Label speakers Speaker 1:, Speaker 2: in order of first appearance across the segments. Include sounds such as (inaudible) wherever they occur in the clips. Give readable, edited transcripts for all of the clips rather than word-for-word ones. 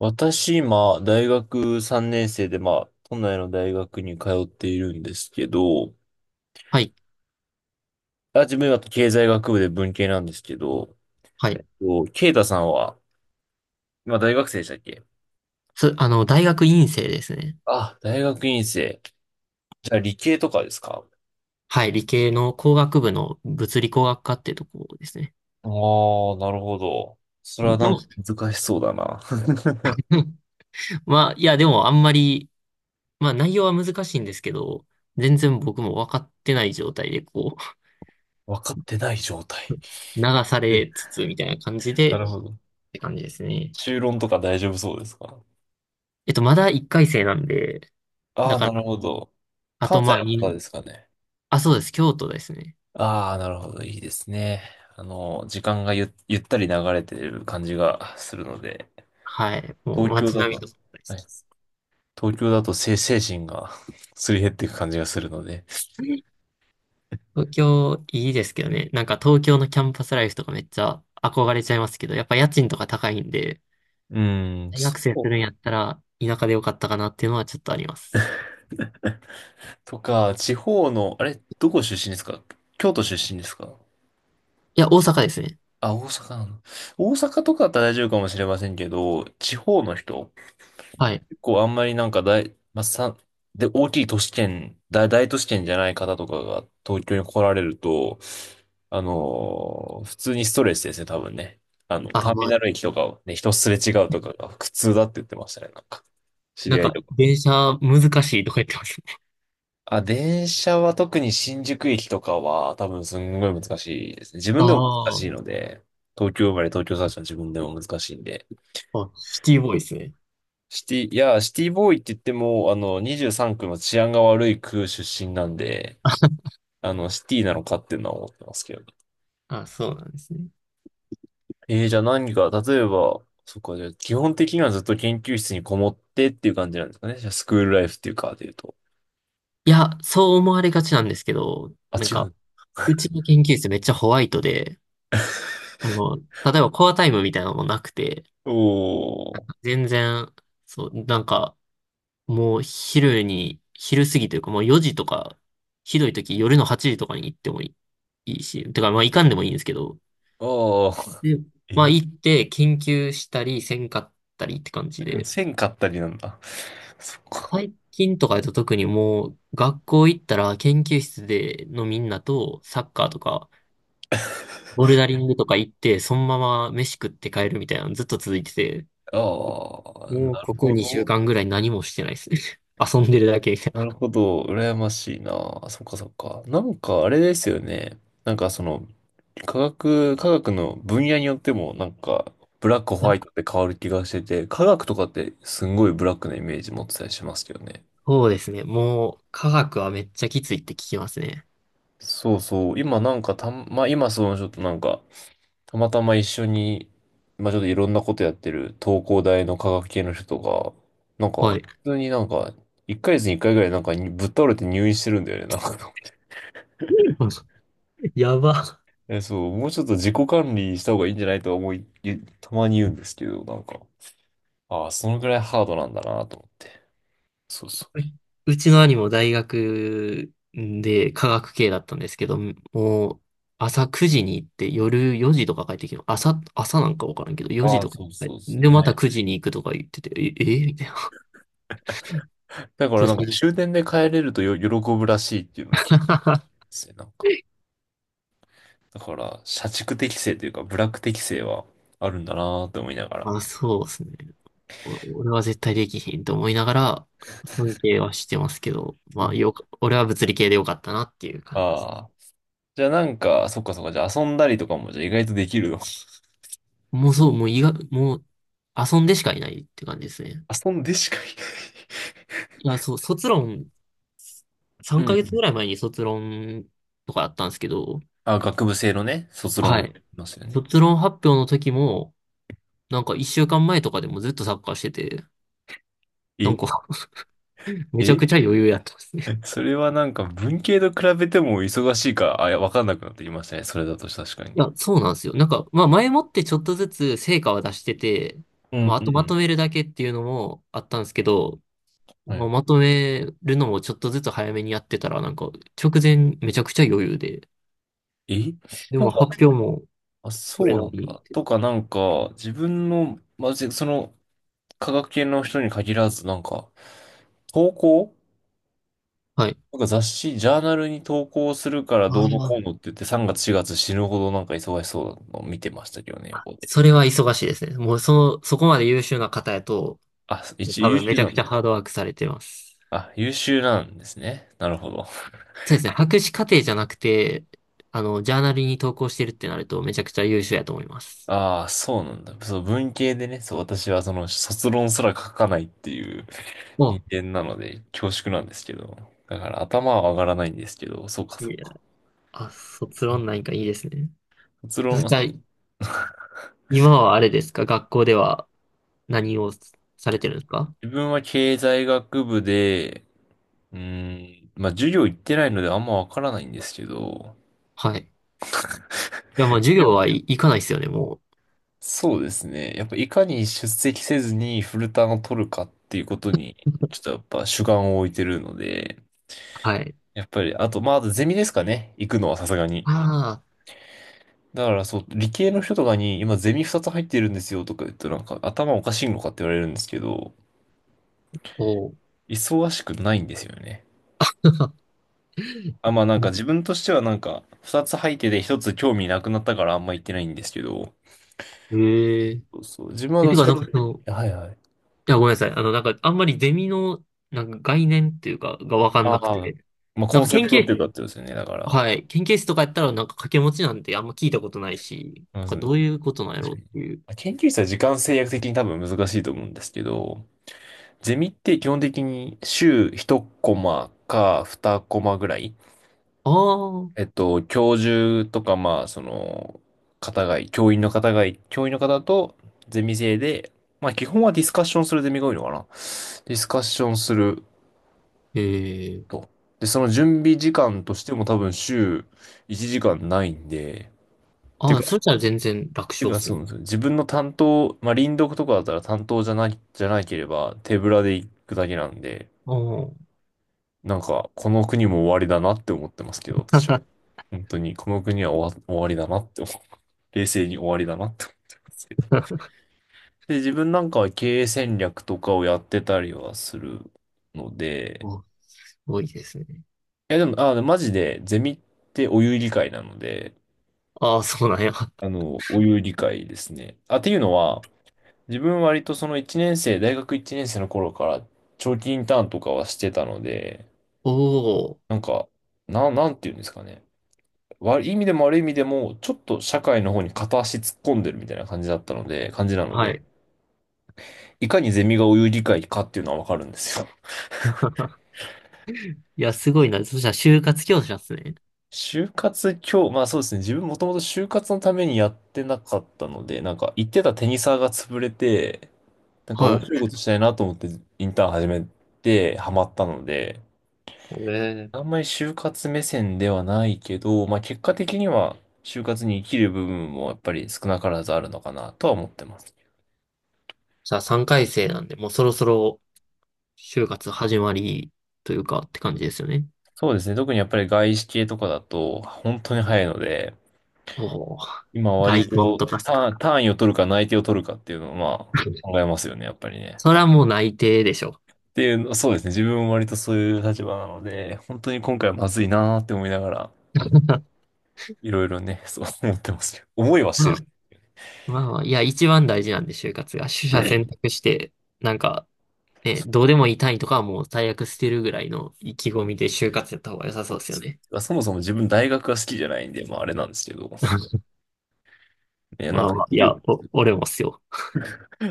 Speaker 1: 私、今、大学3年生で、まあ、都内の大学に通っているんですけど、
Speaker 2: はい。
Speaker 1: あ、自分は経済学部で文系なんですけど、
Speaker 2: はい。
Speaker 1: こうケイタさんは、今大学生でしたっけ？
Speaker 2: つ、あの、大学院生ですね。
Speaker 1: あ、大学院生。じゃあ理系とかですか？
Speaker 2: はい。理系の工学部の物理工学科ってとこですね。
Speaker 1: ああー、なるほど。それはなん
Speaker 2: の、
Speaker 1: か難しそうだな。(laughs)
Speaker 2: (laughs) まあ、いや、でもあんまり、まあ内容は難しいんですけど、全然僕も分かってない状態でこう、
Speaker 1: 分かってない状態。
Speaker 2: (laughs) 流さ
Speaker 1: う、
Speaker 2: れつつみたいな感じで、
Speaker 1: な
Speaker 2: っ
Speaker 1: るほど。
Speaker 2: て感じです
Speaker 1: (laughs)
Speaker 2: ね。
Speaker 1: 修論とか大丈夫そうですか？
Speaker 2: まだ1回生なんで、
Speaker 1: あ
Speaker 2: だ
Speaker 1: あー、
Speaker 2: か
Speaker 1: な
Speaker 2: ら、
Speaker 1: るほど。
Speaker 2: あ
Speaker 1: 関
Speaker 2: と
Speaker 1: 西
Speaker 2: まあ、
Speaker 1: の方ですかね。
Speaker 2: あ、そうです。京都ですね。
Speaker 1: ああ、なるほど。いいですね。時間がゆったり流れてる感じがするので、
Speaker 2: はい。もう
Speaker 1: 東京
Speaker 2: 街
Speaker 1: だ
Speaker 2: 並
Speaker 1: と、
Speaker 2: みとか大好
Speaker 1: は
Speaker 2: き
Speaker 1: い、
Speaker 2: です。
Speaker 1: 東京だと精神が (laughs) すり減っていく感じがするので。
Speaker 2: 東京いいですけどね。なんか東京のキャンパスライフとかめっちゃ憧れちゃいますけど、やっぱ家賃とか高いんで、
Speaker 1: うーん、
Speaker 2: 大
Speaker 1: そ
Speaker 2: 学生するんや
Speaker 1: う。
Speaker 2: ったら田舎でよかったかなっていうのはちょっとあります。
Speaker 1: とか、地方の、あれ、どこ出身ですか？京都出身ですか？
Speaker 2: いや、大阪ですね。
Speaker 1: あ、大阪なの。大阪とかだったら大丈夫かもしれませんけど、地方の人
Speaker 2: はい。
Speaker 1: 構あんまりなんかまあ、で、大きい都市圏、大都市圏じゃない方とかが東京に来られると、普通にストレスですね、多分ね。
Speaker 2: あ、
Speaker 1: ターミ
Speaker 2: まあ、
Speaker 1: ナル駅とかをね、人すれ違うとかが苦痛だって言ってましたね、なんか。知
Speaker 2: な
Speaker 1: り
Speaker 2: ん
Speaker 1: 合い
Speaker 2: か
Speaker 1: とか。
Speaker 2: 電車難しいとか言ってますね。
Speaker 1: あ、電車は特に新宿駅とかは多分すんごい難しいですね。自分でも難
Speaker 2: あ
Speaker 1: しい
Speaker 2: あ、
Speaker 1: ので、東京生まれ東京育ちの自分でも難しいんで。
Speaker 2: シティボーイですね。
Speaker 1: シティ、いや、シティボーイって言っても、23区の治安が悪い区出身なんで、シティなのかっていうのは思ってますけどね。
Speaker 2: あ、そうなんですね。
Speaker 1: じゃあ何か、例えば、そっか、じゃあ基本的にはずっと研究室にこもってっていう感じなんですかね。じゃあスクールライフっていうか、で言うと。
Speaker 2: いや、そう思われがちなんですけど、
Speaker 1: あ、
Speaker 2: なん
Speaker 1: 違
Speaker 2: か、
Speaker 1: う。
Speaker 2: うちの研究室めっちゃホワイトで、例えばコアタイムみたいなのもなくて、
Speaker 1: おー、
Speaker 2: 全然、そう、なんか、もう昼に、昼過ぎというかもう4時とか、ひどい時夜の8時とかに行ってもいいし、てかまあ行かんでもいいんですけど、
Speaker 1: あー、
Speaker 2: で、まあ
Speaker 1: え、
Speaker 2: 行って研究したりせんかったりって感じで、
Speaker 1: 線買ったりなんだ。(laughs) そっか。
Speaker 2: 最近とかだと特にもう学校行ったら研究室でのみんなとサッカーとか、ボルダリングとか行って、そのまま飯食って帰るみたいなのずっと続いてて、
Speaker 1: ああ、
Speaker 2: もう
Speaker 1: な
Speaker 2: こ
Speaker 1: る
Speaker 2: こ
Speaker 1: ほ
Speaker 2: 2週
Speaker 1: ど。
Speaker 2: 間ぐらい何もしてないですね。(laughs) 遊んでるだけみたい
Speaker 1: な
Speaker 2: な。
Speaker 1: るほど。羨ましいな。そっかそっか。なんか、あれですよね。なんかその、科学の分野によってもなんか、ブラック、ホワイトって変わる気がしてて、科学とかってすんごいブラックなイメージ持ってたりしますけどね。
Speaker 2: そうですね。もう、科学はめっちゃきついって聞きますね。
Speaker 1: そうそう。今なんかまあ今そのちょっとなんか、たまたま一緒に、まあちょっといろんなことやってる東工大の科学系の人が、なんか、
Speaker 2: はい。
Speaker 1: 普通になんか、1ヶ月に1回ぐらいなんかにぶっ倒れて入院してるんだよね、なんか。
Speaker 2: (laughs) やば。
Speaker 1: (laughs) え、そう、もうちょっと自己管理した方がいいんじゃないとは思い、たまに言うんですけど、なんか、ああ、そのぐらいハードなんだなと思って。そうそ
Speaker 2: (laughs) うちの兄も大学で科学系だったんですけど、もう朝9時に行って夜4時とか帰ってきて、朝なんかわからんけど、
Speaker 1: う。
Speaker 2: 4
Speaker 1: あ
Speaker 2: 時
Speaker 1: あ、
Speaker 2: とか
Speaker 1: そう
Speaker 2: 帰っ
Speaker 1: そ
Speaker 2: て。
Speaker 1: うそう
Speaker 2: で、また
Speaker 1: ね。
Speaker 2: 9時に行くとか言ってて、え、えみたいな。
Speaker 1: だからなんか終電で帰れるとよ喜ぶらしいっていうのを聞いてま
Speaker 2: (laughs)
Speaker 1: すね、なんか。だから、社畜適性というか、ブラック適性はあるんだなーって思いながら。
Speaker 2: あ、そうですね。俺は絶対できひんと思いながら、尊敬はしてますけど、まあ、俺は物理系でよかったなっていう
Speaker 1: あ
Speaker 2: 感じ。
Speaker 1: あー。じゃあなんか、そっかそっか、じゃあ遊んだりとかもじゃあ意外とできるの。(laughs)
Speaker 2: もうそう、もう医学、もう遊んでしかいないって感じですね。
Speaker 1: 遊んでしかい
Speaker 2: いや、そう、卒論、
Speaker 1: な
Speaker 2: 3
Speaker 1: い、うん
Speaker 2: ヶ
Speaker 1: う
Speaker 2: 月ぐ
Speaker 1: ん。
Speaker 2: らい前に卒論とかあったんですけど、
Speaker 1: あ、学部生のね、卒論
Speaker 2: は
Speaker 1: があ
Speaker 2: い。
Speaker 1: りますよね。
Speaker 2: 卒論発表の時も、なんか1週間前とかでもずっとサッカーしてて、なん
Speaker 1: え、
Speaker 2: か (laughs) めちゃく
Speaker 1: え、
Speaker 2: ちゃ余裕やってますね。
Speaker 1: それはなんか文系と比べても忙しいか、あ、いや、わかんなくなってきましたね。それだと確か
Speaker 2: い
Speaker 1: に。
Speaker 2: や、そうなんですよ。なんか、まあ前もってちょっとずつ成果は出してて、
Speaker 1: う
Speaker 2: ま
Speaker 1: ん
Speaker 2: ああ
Speaker 1: う
Speaker 2: とまと
Speaker 1: ん。
Speaker 2: めるだけっていうのもあったんですけど、
Speaker 1: は
Speaker 2: まあ
Speaker 1: い、
Speaker 2: まとめるのもちょっとずつ早めにやってたら、なんか直前めちゃくちゃ余裕で、
Speaker 1: え、
Speaker 2: で
Speaker 1: なん
Speaker 2: も
Speaker 1: か、
Speaker 2: 発表も
Speaker 1: あ、
Speaker 2: それ
Speaker 1: そう
Speaker 2: な
Speaker 1: な
Speaker 2: り
Speaker 1: ん
Speaker 2: に。
Speaker 1: だ。とか、なんか、自分の、まあ、ぜその、科学系の人に限らず、なんか、投稿
Speaker 2: はい。
Speaker 1: なんか雑誌、ジャーナルに投稿するから
Speaker 2: あ
Speaker 1: どうの
Speaker 2: あ、
Speaker 1: こうのって言って、3月、4月死ぬほどなんか忙しそうなのを見てましたけどね、横で。
Speaker 2: それは忙しいですね。もうその、そこまで優秀な方やと、
Speaker 1: あ、一応
Speaker 2: 多
Speaker 1: 優
Speaker 2: 分め
Speaker 1: 秀
Speaker 2: ちゃ
Speaker 1: な
Speaker 2: く
Speaker 1: ん
Speaker 2: ちゃ
Speaker 1: だ。
Speaker 2: ハードワークされてます。
Speaker 1: あ、優秀なんですね。なるほど。
Speaker 2: そうですね。博士課程じゃなくて、ジャーナルに投稿してるってなるとめちゃくちゃ優秀やと思います。
Speaker 1: ああ、そうなんだ。そう、文系でね、そう、私はその、卒論すら書かないっていう (laughs)
Speaker 2: あ、
Speaker 1: 人間なので、恐縮なんですけど。だから頭は上がらないんですけど、そうか、
Speaker 2: いい
Speaker 1: そ
Speaker 2: ね
Speaker 1: うか。
Speaker 2: あ、卒論なんかいいですね。
Speaker 1: 卒
Speaker 2: そ
Speaker 1: 論、
Speaker 2: し
Speaker 1: 自
Speaker 2: たら、今はあれですか、学校では何をされてるんですか？
Speaker 1: 分は経済学部で、うーん、まあ授業行ってないのであんまわからないんですけど、
Speaker 2: はい。いや、まあ授業はい、行かないですよね、もう。
Speaker 1: そうですね。やっぱいかに出席せずにフルターンを取るかっていうことに、ちょっとやっぱ主眼を置いてるので、
Speaker 2: はい。
Speaker 1: やっぱり、あと、まあ、あとゼミですかね。行くのはさすがに。
Speaker 2: ああ、
Speaker 1: だからそう、理系の人とかに今ゼミ2つ入ってるんですよとか言うとなんか頭おかしいのかって言われるんですけど、
Speaker 2: おう。
Speaker 1: 忙しくないんですよね。あ、まあなんか自分としてはなんか、二つ入ってて一つ興味なくなったからあんま言ってないんですけど、
Speaker 2: ええ
Speaker 1: そうそう、自分は
Speaker 2: え、
Speaker 1: ど
Speaker 2: て
Speaker 1: っち
Speaker 2: か、
Speaker 1: か
Speaker 2: なんそか
Speaker 1: と
Speaker 2: う。
Speaker 1: い
Speaker 2: そ
Speaker 1: う
Speaker 2: の、
Speaker 1: と、はいはい。
Speaker 2: いや、ごめんなさい。なんか、あんまりゼミの、なんか概念っていうか、がわかん
Speaker 1: あ
Speaker 2: なく
Speaker 1: あ、
Speaker 2: て。
Speaker 1: まあ
Speaker 2: な
Speaker 1: コ
Speaker 2: ん
Speaker 1: ン
Speaker 2: か
Speaker 1: セ
Speaker 2: 研
Speaker 1: プ
Speaker 2: え、
Speaker 1: トっていう
Speaker 2: 究、
Speaker 1: かってことですよね、だから。
Speaker 2: はい。研究室とかやったら、なんか掛け持ちなんてあんま聞いたことないし、なん
Speaker 1: ま
Speaker 2: か
Speaker 1: ず、確
Speaker 2: どう
Speaker 1: か
Speaker 2: いうことなんやろうっ
Speaker 1: に。
Speaker 2: ていう。
Speaker 1: 研究室は時間制約的に多分難しいと思うんですけど、ゼミって基本的に週1コマか2コマぐらい
Speaker 2: ああ、
Speaker 1: 教授とか、まあ、その、方がい、教員の方がい、教員の方とゼミ生で、まあ、基本はディスカッションするゼミが多いのかな。ディスカッションする
Speaker 2: ええ、
Speaker 1: と。で、その準備時間としても多分週1時間ないんで、て
Speaker 2: あ
Speaker 1: い
Speaker 2: あ、
Speaker 1: うか、
Speaker 2: それじゃ全然楽
Speaker 1: ていう
Speaker 2: 勝っ
Speaker 1: か
Speaker 2: す
Speaker 1: そ
Speaker 2: ね。
Speaker 1: うなんですよ。自分の担当、まあ、輪読とかだったら担当じゃない、じゃなければ手ぶらで行くだけなんで、
Speaker 2: あー
Speaker 1: なんか、この国も終わりだなって思ってますけど、私は。本当に、この国は終わりだなって思う。冷静に終わりだなって思ってますけど。で、自分なんかは経営戦略とかをやってたりはするので、
Speaker 2: あ (laughs)、すごいですね。
Speaker 1: いやでも、あ、マジで、ゼミってお湯理解なので、
Speaker 2: ああ、そうなんや。
Speaker 1: お湯理解ですね。あ、っていうのは、自分割とその1年生、大学1年生の頃から長期インターンとかはしてたので、
Speaker 2: おお、
Speaker 1: なんか、なんていうんですかね。悪い意味でも悪い意味でも、ちょっと社会の方に片足突っ込んでるみたいな感じなの
Speaker 2: は
Speaker 1: で、
Speaker 2: い。
Speaker 1: いかにゼミがお湯理解かっていうのはわかるんですよ。
Speaker 2: (laughs) いや、すごいな。そしたら、就活教師なんですね。
Speaker 1: 就活今日、まあそうですね。自分もともと就活のためにやってなかったので、なんか行ってたテニサーが潰れて、なんか
Speaker 2: は
Speaker 1: 面
Speaker 2: い。
Speaker 1: 白いことしたいなと思ってインターン始めてハマったので、
Speaker 2: ええ、
Speaker 1: あんまり就活目線ではないけど、まあ結果的には就活に生きる部分もやっぱり少なからずあるのかなとは思ってます。
Speaker 2: じゃあ、3回生なんで、もうそろそろ、就活始まりというかって感じですよね。
Speaker 1: そうですね。特にやっぱり外資系とかだと本当に早いので、
Speaker 2: おお、
Speaker 1: 今割
Speaker 2: 外婚
Speaker 1: と
Speaker 2: とかっすか。
Speaker 1: 単位を取るか内定を取るかっていうのをまあ考
Speaker 2: (laughs)
Speaker 1: えますよね、やっぱりね。
Speaker 2: それはもう内定でしょ。
Speaker 1: っていうの、そうですね。自分も割とそういう立場なので、本当に今回はまずいなーって思いながら、いろいろね、そう思ってますけど。思いはして
Speaker 2: まあ、
Speaker 1: る。
Speaker 2: まあ、いや、一番大事なんで、就活が。取
Speaker 1: う
Speaker 2: 捨選
Speaker 1: ん、
Speaker 2: 択して、なんか、ね、
Speaker 1: そ
Speaker 2: どうでもいい単位とかはもう最悪捨てるぐらいの意気込みで就活やった方が良さそう
Speaker 1: う
Speaker 2: で
Speaker 1: で
Speaker 2: すよ
Speaker 1: す
Speaker 2: ね。
Speaker 1: ね。そもそも自分大学が好きじゃないんで、まああれなんですけど、
Speaker 2: (laughs)
Speaker 1: ね、な
Speaker 2: ま
Speaker 1: ん
Speaker 2: あ
Speaker 1: か
Speaker 2: まあ、
Speaker 1: 医
Speaker 2: い
Speaker 1: 療、
Speaker 2: や、俺もっすよ。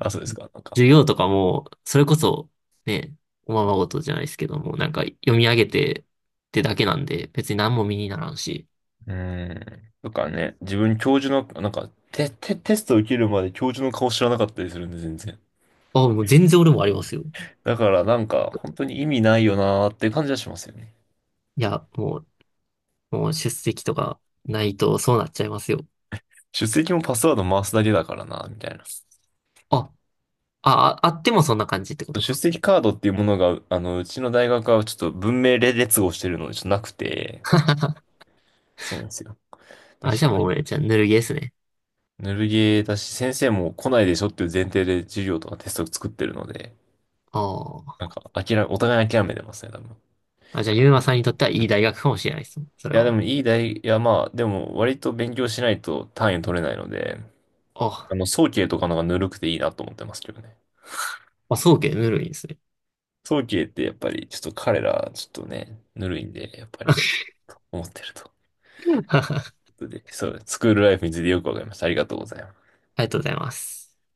Speaker 1: あ、そうですか、なんか。
Speaker 2: 授業とかも、それこそ、ね、おままごとじゃないですけども、なんか読み上げてってだけなんで、別に何も身にならんし。
Speaker 1: うーん。とかね、自分教授の、なんか、テスト受けるまで教授の顔知らなかったりするんで、全然。
Speaker 2: あ、もう全然俺もありますよ。
Speaker 1: だからなんか、本当に意味ないよなーって感じはしますよね。
Speaker 2: いや、もう出席とかないとそうなっちゃいますよ。
Speaker 1: 出席もパスワード回すだけだからな、みたいな。
Speaker 2: あ、あ、ああってもそんな感じってこと
Speaker 1: 出
Speaker 2: か。
Speaker 1: 席カードっていうものが、うちの大学はちょっと文明列号してるので、ちょっとなくて、
Speaker 2: (laughs)
Speaker 1: そうなんですよ。で
Speaker 2: あ、じゃあもう俺、じゃあぬるゲーですね。
Speaker 1: ぬるゲーだし、先生も来ないでしょっていう前提で授業とかテストを作ってるので、
Speaker 2: あ
Speaker 1: なん
Speaker 2: あ。
Speaker 1: か、お互い諦めてますね、多分。
Speaker 2: あ、じゃあゆうまさんにとってはいい大学かもしれないです。それ
Speaker 1: いや、で
Speaker 2: は。
Speaker 1: もいや、まあ、でも割と勉強しないと単位取れないので、
Speaker 2: あ、
Speaker 1: 早慶とかの方がぬるくていいなと思ってますけどね。
Speaker 2: あ、そうけ、ぬるいですね。
Speaker 1: 早慶ってやっぱり、ちょっと彼ら、ちょっとね、ぬるいんで、やっぱり、思ってると。い
Speaker 2: (laughs)
Speaker 1: うことで、そう、スクールライフについてよくわかりました。ありがとうございます。
Speaker 2: ありがとうございます。